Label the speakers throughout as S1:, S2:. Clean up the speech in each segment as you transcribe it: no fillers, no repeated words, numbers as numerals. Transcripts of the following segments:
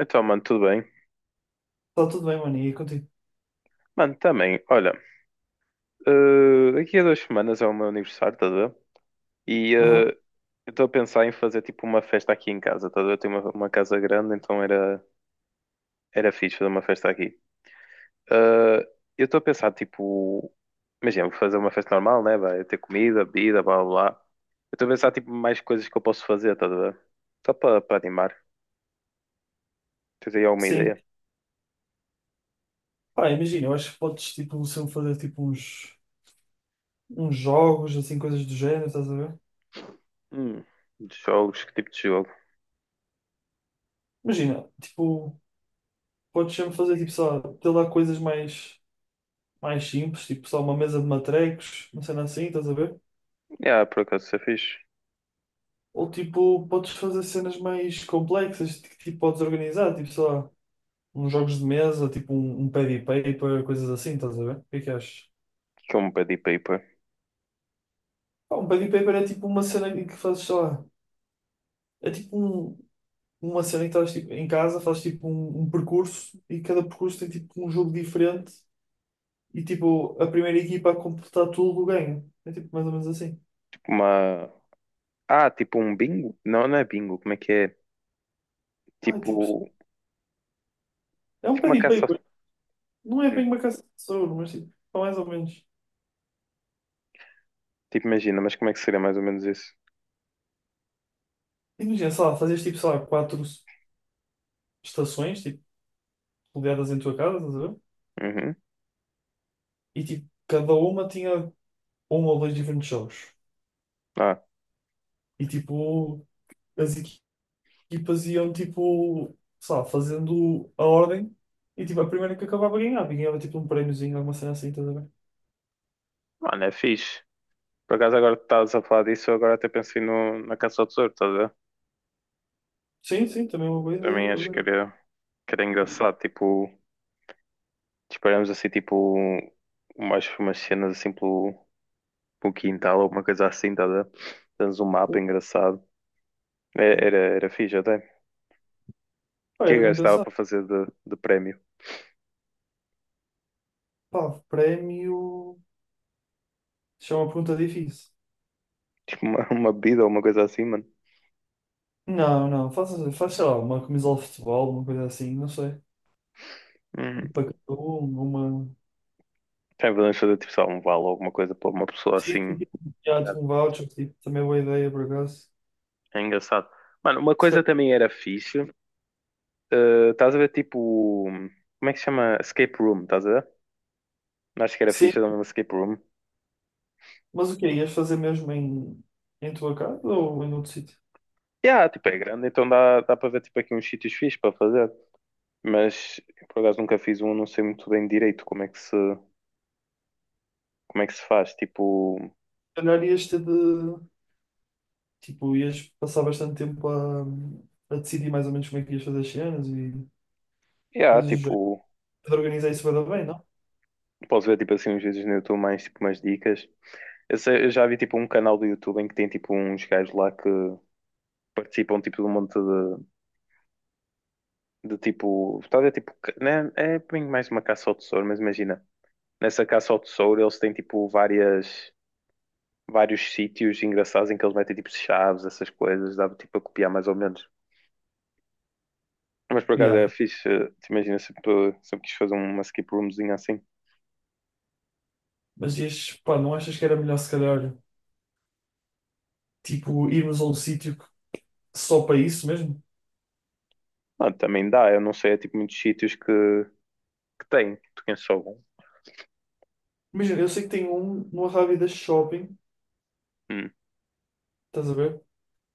S1: Então, mano, tudo bem?
S2: Está tudo bem, mano, e contigo?
S1: Mano, também, olha, daqui a duas semanas é o meu aniversário, estás a ver? E
S2: Aham,
S1: eu estou a pensar em fazer tipo uma festa aqui em casa, estás a ver? Eu tenho uma casa grande, então era fixe fazer uma festa aqui. Eh, eu estou a pensar, tipo, imagina, vou fazer uma festa normal, né? Vai ter comida, bebida, blá blá blá. Eu estou a pensar, tipo, mais coisas que eu posso fazer, estás a ver? Só para animar. Tens aí alguma
S2: sim.
S1: ideia?
S2: Pá, imagina, eu acho que podes, tipo, sempre fazer, tipo, uns, uns jogos, assim, coisas do género, estás a ver?
S1: Hum, de jogos, que tipo de jogo?
S2: Imagina, tipo, podes sempre fazer, tipo, só ter lá coisas mais, mais simples, tipo, só uma mesa de matrecos, uma cena assim, estás a ver?
S1: Ah, por acaso, isso é fixe.
S2: Ou, tipo, podes fazer cenas mais complexas, que, tipo, podes organizar, tipo, só uns jogos de mesa, tipo, um pad e paper, coisas assim, estás a ver? O que é que achas?
S1: O que é um pedi paper?
S2: Pá, um pad e paper é, tipo, uma cena em que fazes, sei lá, é tipo uma cena em que estás tipo, em casa, fazes tipo um percurso e cada percurso tem tipo um jogo diferente e tipo a primeira equipa a completar tudo ganha. É tipo mais ou menos assim.
S1: Tipo uma. Ah, tipo um bingo? Não, não é bingo, como é que é?
S2: Ah, é tipo,
S1: Tipo,
S2: é um
S1: tipo
S2: pad
S1: uma
S2: e
S1: caça.
S2: paper. Não é
S1: Hum,
S2: bem uma caça de tesouro, mas tipo, é mais ou menos.
S1: tipo, imagina, mas como é que seria mais ou menos isso?
S2: Imagina, sei lá, fazes tipo, sei lá, quatro estações, tipo, rodeadas em tua casa, estás a ver?
S1: Uhum.
S2: E tipo, cada uma tinha um ou dois diferentes jogos.
S1: Ah,
S2: E tipo, as equipas iam tipo, sei lá, fazendo a ordem e tipo, a primeira que acabava ganhava, e ganhava tipo um prémiozinho, alguma cena assim, estás a ver?
S1: mano, é fixe. Por acaso agora que estás a falar disso, eu agora até pensei no, na caça ao tesouro, estás a ver?
S2: Sim, sim, também é uma boa ideia,
S1: Também
S2: por
S1: acho
S2: acaso.
S1: que era engraçado, tipo, disparamos assim, tipo, mais umas cenas assim pelo quintal, alguma coisa assim, estás a ver? Temos um mapa engraçado. É, era fixe até. O
S2: Pá,
S1: que é
S2: era
S1: que
S2: bem
S1: gastava para
S2: pensado.
S1: fazer de prémio?
S2: Pá, prémio. Isso é uma pergunta difícil.
S1: Tipo, uma bebida ou uma coisa assim, mano.
S2: Não, não, faz sei lá, uma camisola de futebol, uma coisa assim, não sei. Tipo, para cada um, uma.
S1: Já podemos fazer tipo só um vale ou alguma coisa para uma pessoa
S2: Sim,
S1: assim.
S2: sim, sim. Já,
S1: Tá?
S2: tipo um voucher, tipo, também é boa ideia, por acaso.
S1: É engraçado. Mano, uma
S2: Se
S1: coisa
S2: calhar-
S1: também era fixe. Estás a ver tipo. Como é que se chama? Escape room, estás a ver? Não acho que era
S2: sim,
S1: fixe, era um escape room.
S2: mas o que quê? Ias fazer mesmo em, em tua casa ou em outro sítio?
S1: Yeah, tipo, é grande, então dá para ver tipo aqui uns sítios fixes para fazer. Mas por acaso nunca fiz um, não sei muito bem direito como é que se faz. Tipo,
S2: Se calhar ias ter de, tipo, ias passar bastante tempo a decidir mais ou menos como é que ias fazer as cenas e
S1: yeah,
S2: coisas do género.
S1: tipo,
S2: De organizar isso vai dar bem, não?
S1: posso ver tipo assim uns vídeos no YouTube mais tipo umas dicas. Eu já vi tipo um canal do YouTube em que tem tipo uns gajos lá que participam tipo de um monte de tipo. Tal, é tipo. Né, é bem mais uma caça ao tesouro, mas imagina. Nessa caça ao tesouro eles têm tipo vários sítios engraçados em que eles metem tipo chaves, essas coisas, dava tipo a copiar mais ou menos. Mas por acaso era
S2: Yeah.
S1: fixe, te imagina, sempre quis fazer uma skip roomzinha assim.
S2: Mas ias, pá, não achas que era melhor se calhar, tipo, irmos a um sítio que- só para isso mesmo?
S1: Ah, também dá, eu não sei, é tipo muitos sítios que tem, tu conheces algum?
S2: Imagina, eu sei que tem um no Arrábida Shopping,
S1: Hum,
S2: estás a ver?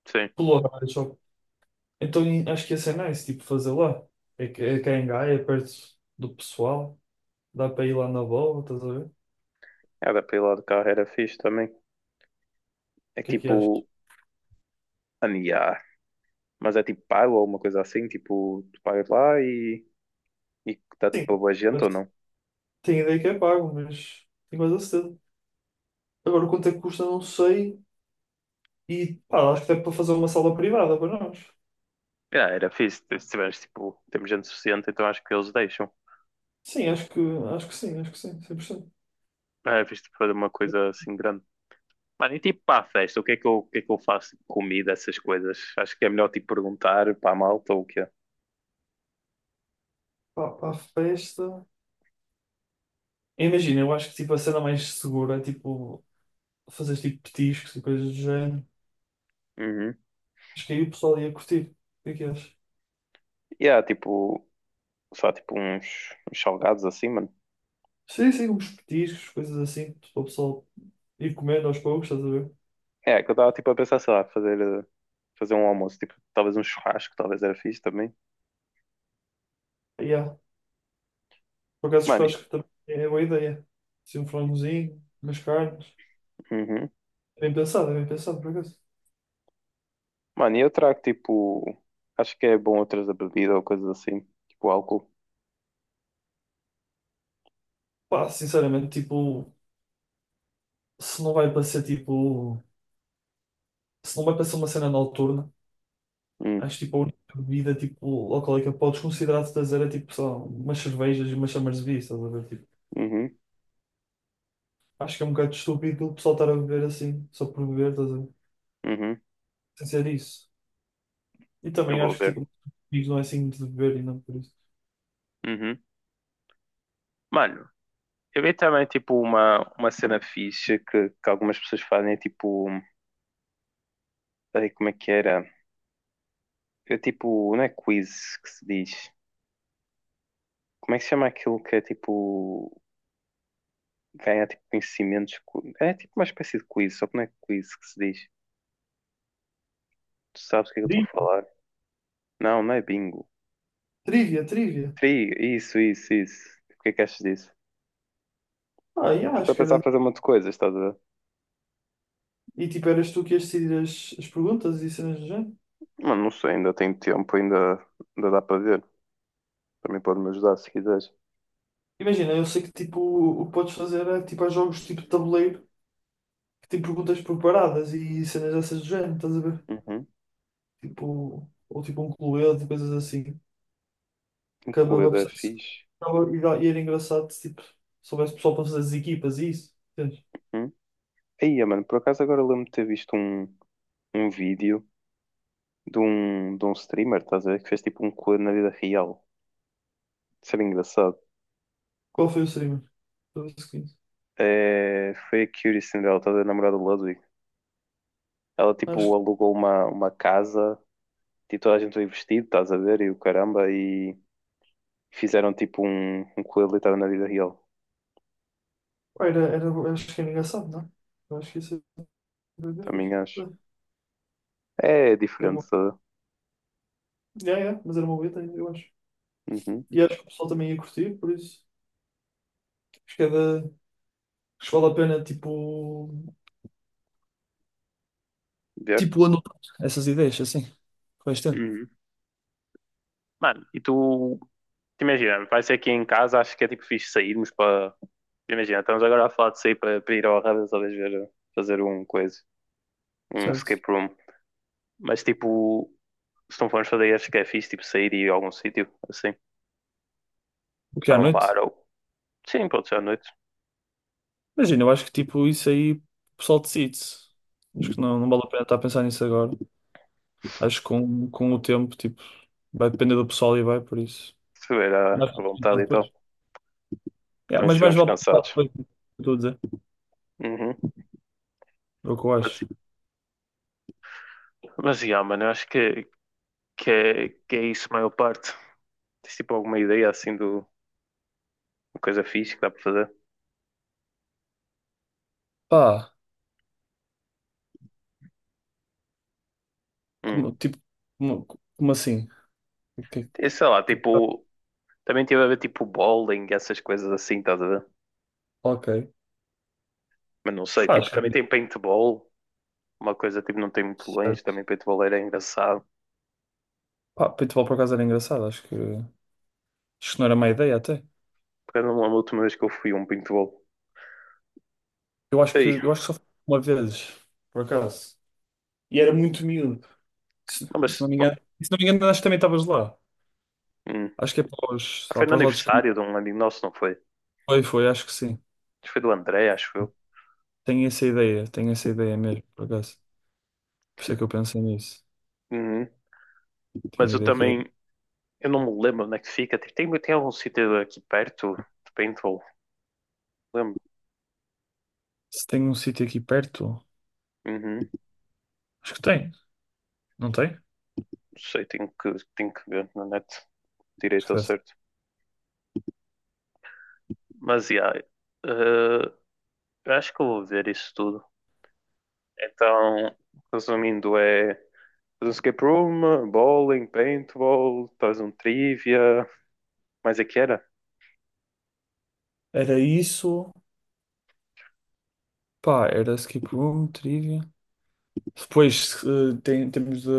S1: sim.
S2: Pelo Arrábida Shopping. Então e- acho que ia ser nice, tipo, fazer lá. É, que- é cá em Gaia, é perto do pessoal. Dá para ir lá na bola, estás a ver? O
S1: Era para ir lá de carro, era fixe também. É
S2: que é que achas?
S1: tipo, mano, yeah, mas é tipo pago ou alguma coisa assim, tipo, tu pagas lá e está
S2: Sim,
S1: tipo a boa gente ou
S2: mas
S1: não?
S2: tem ideia que é pago, mas tenho quase a certeza. Agora quanto é que custa, não sei. E pá, acho que dá para fazer uma sala privada para nós.
S1: Ah, era fixe, se tiveres tipo, temos gente suficiente, então acho que eles deixam.
S2: Sim, acho que sim, 100%.
S1: Ah, é fixe tipo, fazer uma coisa assim grande. Mano, e tipo para a festa, o que é que eu, o que é que eu faço? Tipo, comida, essas coisas. Acho que é melhor tipo perguntar para a malta ou o quê?
S2: Pá, para a festa. Imagina, eu acho que tipo, a cena mais segura é tipo fazer tipo petiscos e coisas do género.
S1: Uhum.
S2: Acho que aí o pessoal ia curtir. O que é que achas?
S1: E há tipo, só tipo uns, uns salgados assim, mano.
S2: Sim, sim, uns petiscos, coisas assim, para o pessoal ir comendo aos poucos, estás a ver?
S1: É, que eu estava tipo a pensar, sei lá, fazer um almoço, tipo, talvez um churrasco, talvez era fixe também.
S2: Yeah. Por acaso, eu
S1: Mano, e-
S2: acho que também é boa ideia. Assim, um frangozinho, umas carnes.
S1: uhum.
S2: É bem pensado, é bem pensado, por acaso.
S1: Mano, e eu trago tipo. Acho que é bom outras da bebida ou coisas assim. Tipo álcool.
S2: Pá, sinceramente, tipo, se não vai para ser tipo, se não vai para ser uma cena noturna,
S1: Hum,
S2: acho tipo a única bebida tipo, alcoólica que podes considerar de trazer é tipo só umas cervejas e umas chamas de vinho, estás a ver? Tipo,
S1: uhum,
S2: acho que é um bocado estúpido o pessoal estar a beber assim, só por beber, estás a ver?
S1: uhum.
S2: Sem ser isso. E
S1: Eu
S2: também
S1: vou
S2: acho que
S1: ver.
S2: tipo, não é assim de beber e não por isso.
S1: Uhum. Mano, eu vi também tipo uma cena fixe que algumas pessoas fazem. É, tipo. Ai, como é que era? É tipo. Não é quiz que se diz. Como é que se chama aquilo que é tipo. Ganha tipo conhecimentos. É tipo uma espécie de quiz, só que não é quiz que se diz. Tu sabes o que é que eu estou a
S2: Tri-
S1: falar? Não, não é bingo.
S2: trivia, trivia.
S1: Tri, isso, isso, isso. O que é que achas disso?
S2: Ah,
S1: Tipo,
S2: yeah,
S1: eu estou
S2: acho
S1: a
S2: que
S1: pensar em
S2: era.
S1: fazer um monte de coisas, estás a ver?
S2: E tipo, eras tu que ias decidir as, as perguntas e cenas do género.
S1: Mano, não sei, ainda tenho ainda dá para ver. Também pode me ajudar se quiseres.
S2: Imagina, eu sei que tipo, o que podes fazer é tipo, há jogos tipo de tabuleiro que tem perguntas preparadas e cenas dessas do género, estás a ver?
S1: Uhum.
S2: Tipo, ou tipo um cluedo, coisas assim. Acabava
S1: Incluída
S2: por
S1: é
S2: ser-
S1: fixe.
S2: acabava- E dá- e era engraçado se tipo, soubesse o pessoal para fazer as equipas e isso. Entendes?
S1: Uhum. Aí, mano, por acaso agora lembro-me de ter visto um vídeo de de um streamer, estás a ver? Que fez tipo um coelho na vida real. Isso era engraçado.
S2: Qual foi o streamer? Do seguinte?
S1: É, foi a Cutie Cinderella, estás a ver? A namorada do Ludwig. Ela
S2: Acho
S1: tipo
S2: que
S1: alugou uma casa, tipo toda a gente foi vestido, estás a ver? E o caramba, e fizeram tipo um coelho literal na vida real.
S2: pá, era, acho que era engraçado, não é? Eu acho que isso era bem
S1: Também
S2: fixe.
S1: acho.
S2: É,
S1: É
S2: era
S1: diferente
S2: bom.
S1: toda.
S2: Yeah, yeah, mas era uma boa ideia, eu acho.
S1: Uhum.
S2: E acho que o pessoal também ia curtir, por isso. Acho que é da. Acho que vale a pena, tipo.
S1: Ver.
S2: Tipo, anotar essas ideias, assim. Costa?
S1: Uhum. Mano, e tu, te imagina, vai ser aqui em casa, acho que é tipo fixe sairmos para. Imagina, estamos agora a falar de sair para ir ao Arradas, talvez ver, fazer um coisa, um
S2: Certo.
S1: escape room. Mas tipo, se não formos fazer, acho que é fixe, tipo, sair e ir a algum sítio, assim,
S2: O que é à
S1: para um
S2: noite?
S1: bar ou. Sim, pode ser à noite,
S2: Imagina, eu acho que tipo isso aí o pessoal decide. Acho que não, não vale a pena estar a pensar nisso agora. Acho que com o tempo, tipo, vai depender do pessoal e vai por isso.
S1: se tiver
S2: Mas
S1: à vontade e tal.
S2: depois. É,
S1: Então, se
S2: mas mais
S1: estivermos
S2: vale pensar
S1: cansados.
S2: depois do que eu estou a dizer.
S1: Uhum.
S2: É o que eu
S1: Mas,
S2: acho.
S1: mas, yeah, mano, eu acho que é isso, a maior parte. Tens tipo alguma ideia assim do, uma coisa fixe que dá para fazer.
S2: Pá,
S1: Hum.
S2: como, tipo, como, como assim? O que- é
S1: E sei lá,
S2: que-
S1: tipo, também tive a ver tipo bowling, essas coisas assim, estás a ver?
S2: Ok.
S1: Mas não sei,
S2: Pá,
S1: tipo,
S2: acho que
S1: também tem paintball, uma coisa tipo, não tem muito longe, também
S2: certo.
S1: paintball era engraçado.
S2: Pá, paintball por acaso era engraçado, acho que. Acho que não era má ideia até.
S1: Porque eu não lembro a última vez que eu fui a um paintball. Ei,
S2: Eu acho que só fui uma vez, por acaso. E era muito miúdo. Se,
S1: não,
S2: se
S1: mas
S2: não me engano, se não me engano, acho que também estavas lá.
S1: hum,
S2: Acho que é para os, lá
S1: foi no
S2: para os lados que
S1: aniversário de um amigo nosso, não foi? Acho
S2: foi, foi, acho que sim.
S1: que foi do André, acho eu.
S2: Tenho essa ideia mesmo, por acaso. Por isso é que eu pensei nisso.
S1: Uhum.
S2: Tenho
S1: Mas
S2: a
S1: eu
S2: ideia que
S1: também,
S2: é.
S1: eu não me lembro onde é que fica. Tipo, tem algum sítio aqui perto de paintball? Lembro.
S2: Se tem um sítio aqui perto,
S1: Uhum. Não
S2: acho que tem, não tem?
S1: sei, tenho que ver na net
S2: Acho
S1: direito
S2: que
S1: ao
S2: deve ter.
S1: certo. Mas, yeah, eh, eu acho que eu vou ver isso tudo. Então, resumindo, é fazer um escape room, bowling, paintball, talvez um trivia, mais é que era?
S2: Era isso. Pá, era skip room, trivia. Depois tem- temos de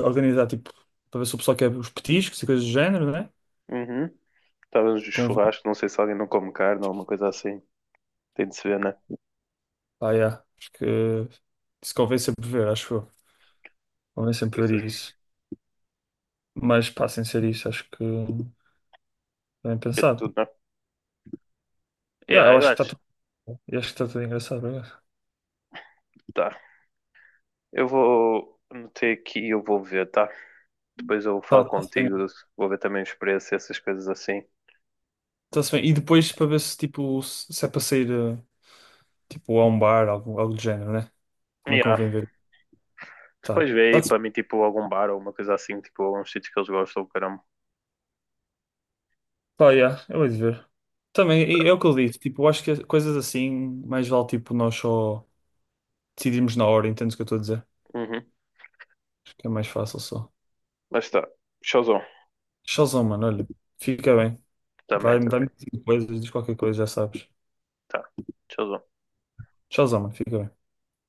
S2: organizar, tipo, para ver se o pessoal quer os petiscos e coisas do género, né?
S1: Uhum. Talvez um churrasco, não sei se alguém não come carne ou alguma coisa assim. Tem de se ver, né?
S2: Ah, yeah. Acho que isso convém sempre ver, acho eu. Convém sempre ver isso. Mas pá, sem ser isso, acho que bem
S1: É
S2: pensado.
S1: tudo, né?
S2: Yeah,
S1: Yeah,
S2: eu
S1: eu
S2: acho que está
S1: acho.
S2: tudo. Eu acho que está tudo engraçado, obrigado.
S1: Tá. Eu vou meter aqui e eu vou ver, tá? Depois eu falo
S2: Tá, tá-se
S1: contigo,
S2: bem.
S1: vou ver também a experiência, essas coisas assim.
S2: Tá-se bem. E depois para ver se tipo se se é para sair tipo a um bar, algo, algo do género, né? Também
S1: Yeah.
S2: convém ver. Tá.
S1: Depois vê aí
S2: Tá-se
S1: para mim, tipo, algum bar ou uma coisa assim, tipo, alguns sítios que eles gostam, caramba.
S2: pá, yeah, eu hei de ver. Também,
S1: Tá.
S2: e é o que eu disse, tipo, eu acho que coisas assim, mais vale tipo nós só decidirmos na hora, entendes o que eu estou a dizer?
S1: Uhum.
S2: Acho que é mais fácil só.
S1: Mas tá. Showzão.
S2: Showzão, mano, olha, fica bem.
S1: Também,
S2: Vai,
S1: também.
S2: vai-me dizendo coisas, diz qualquer coisa, já sabes.
S1: Tá. Showzão.
S2: Tchauzão, mano. Fica bem.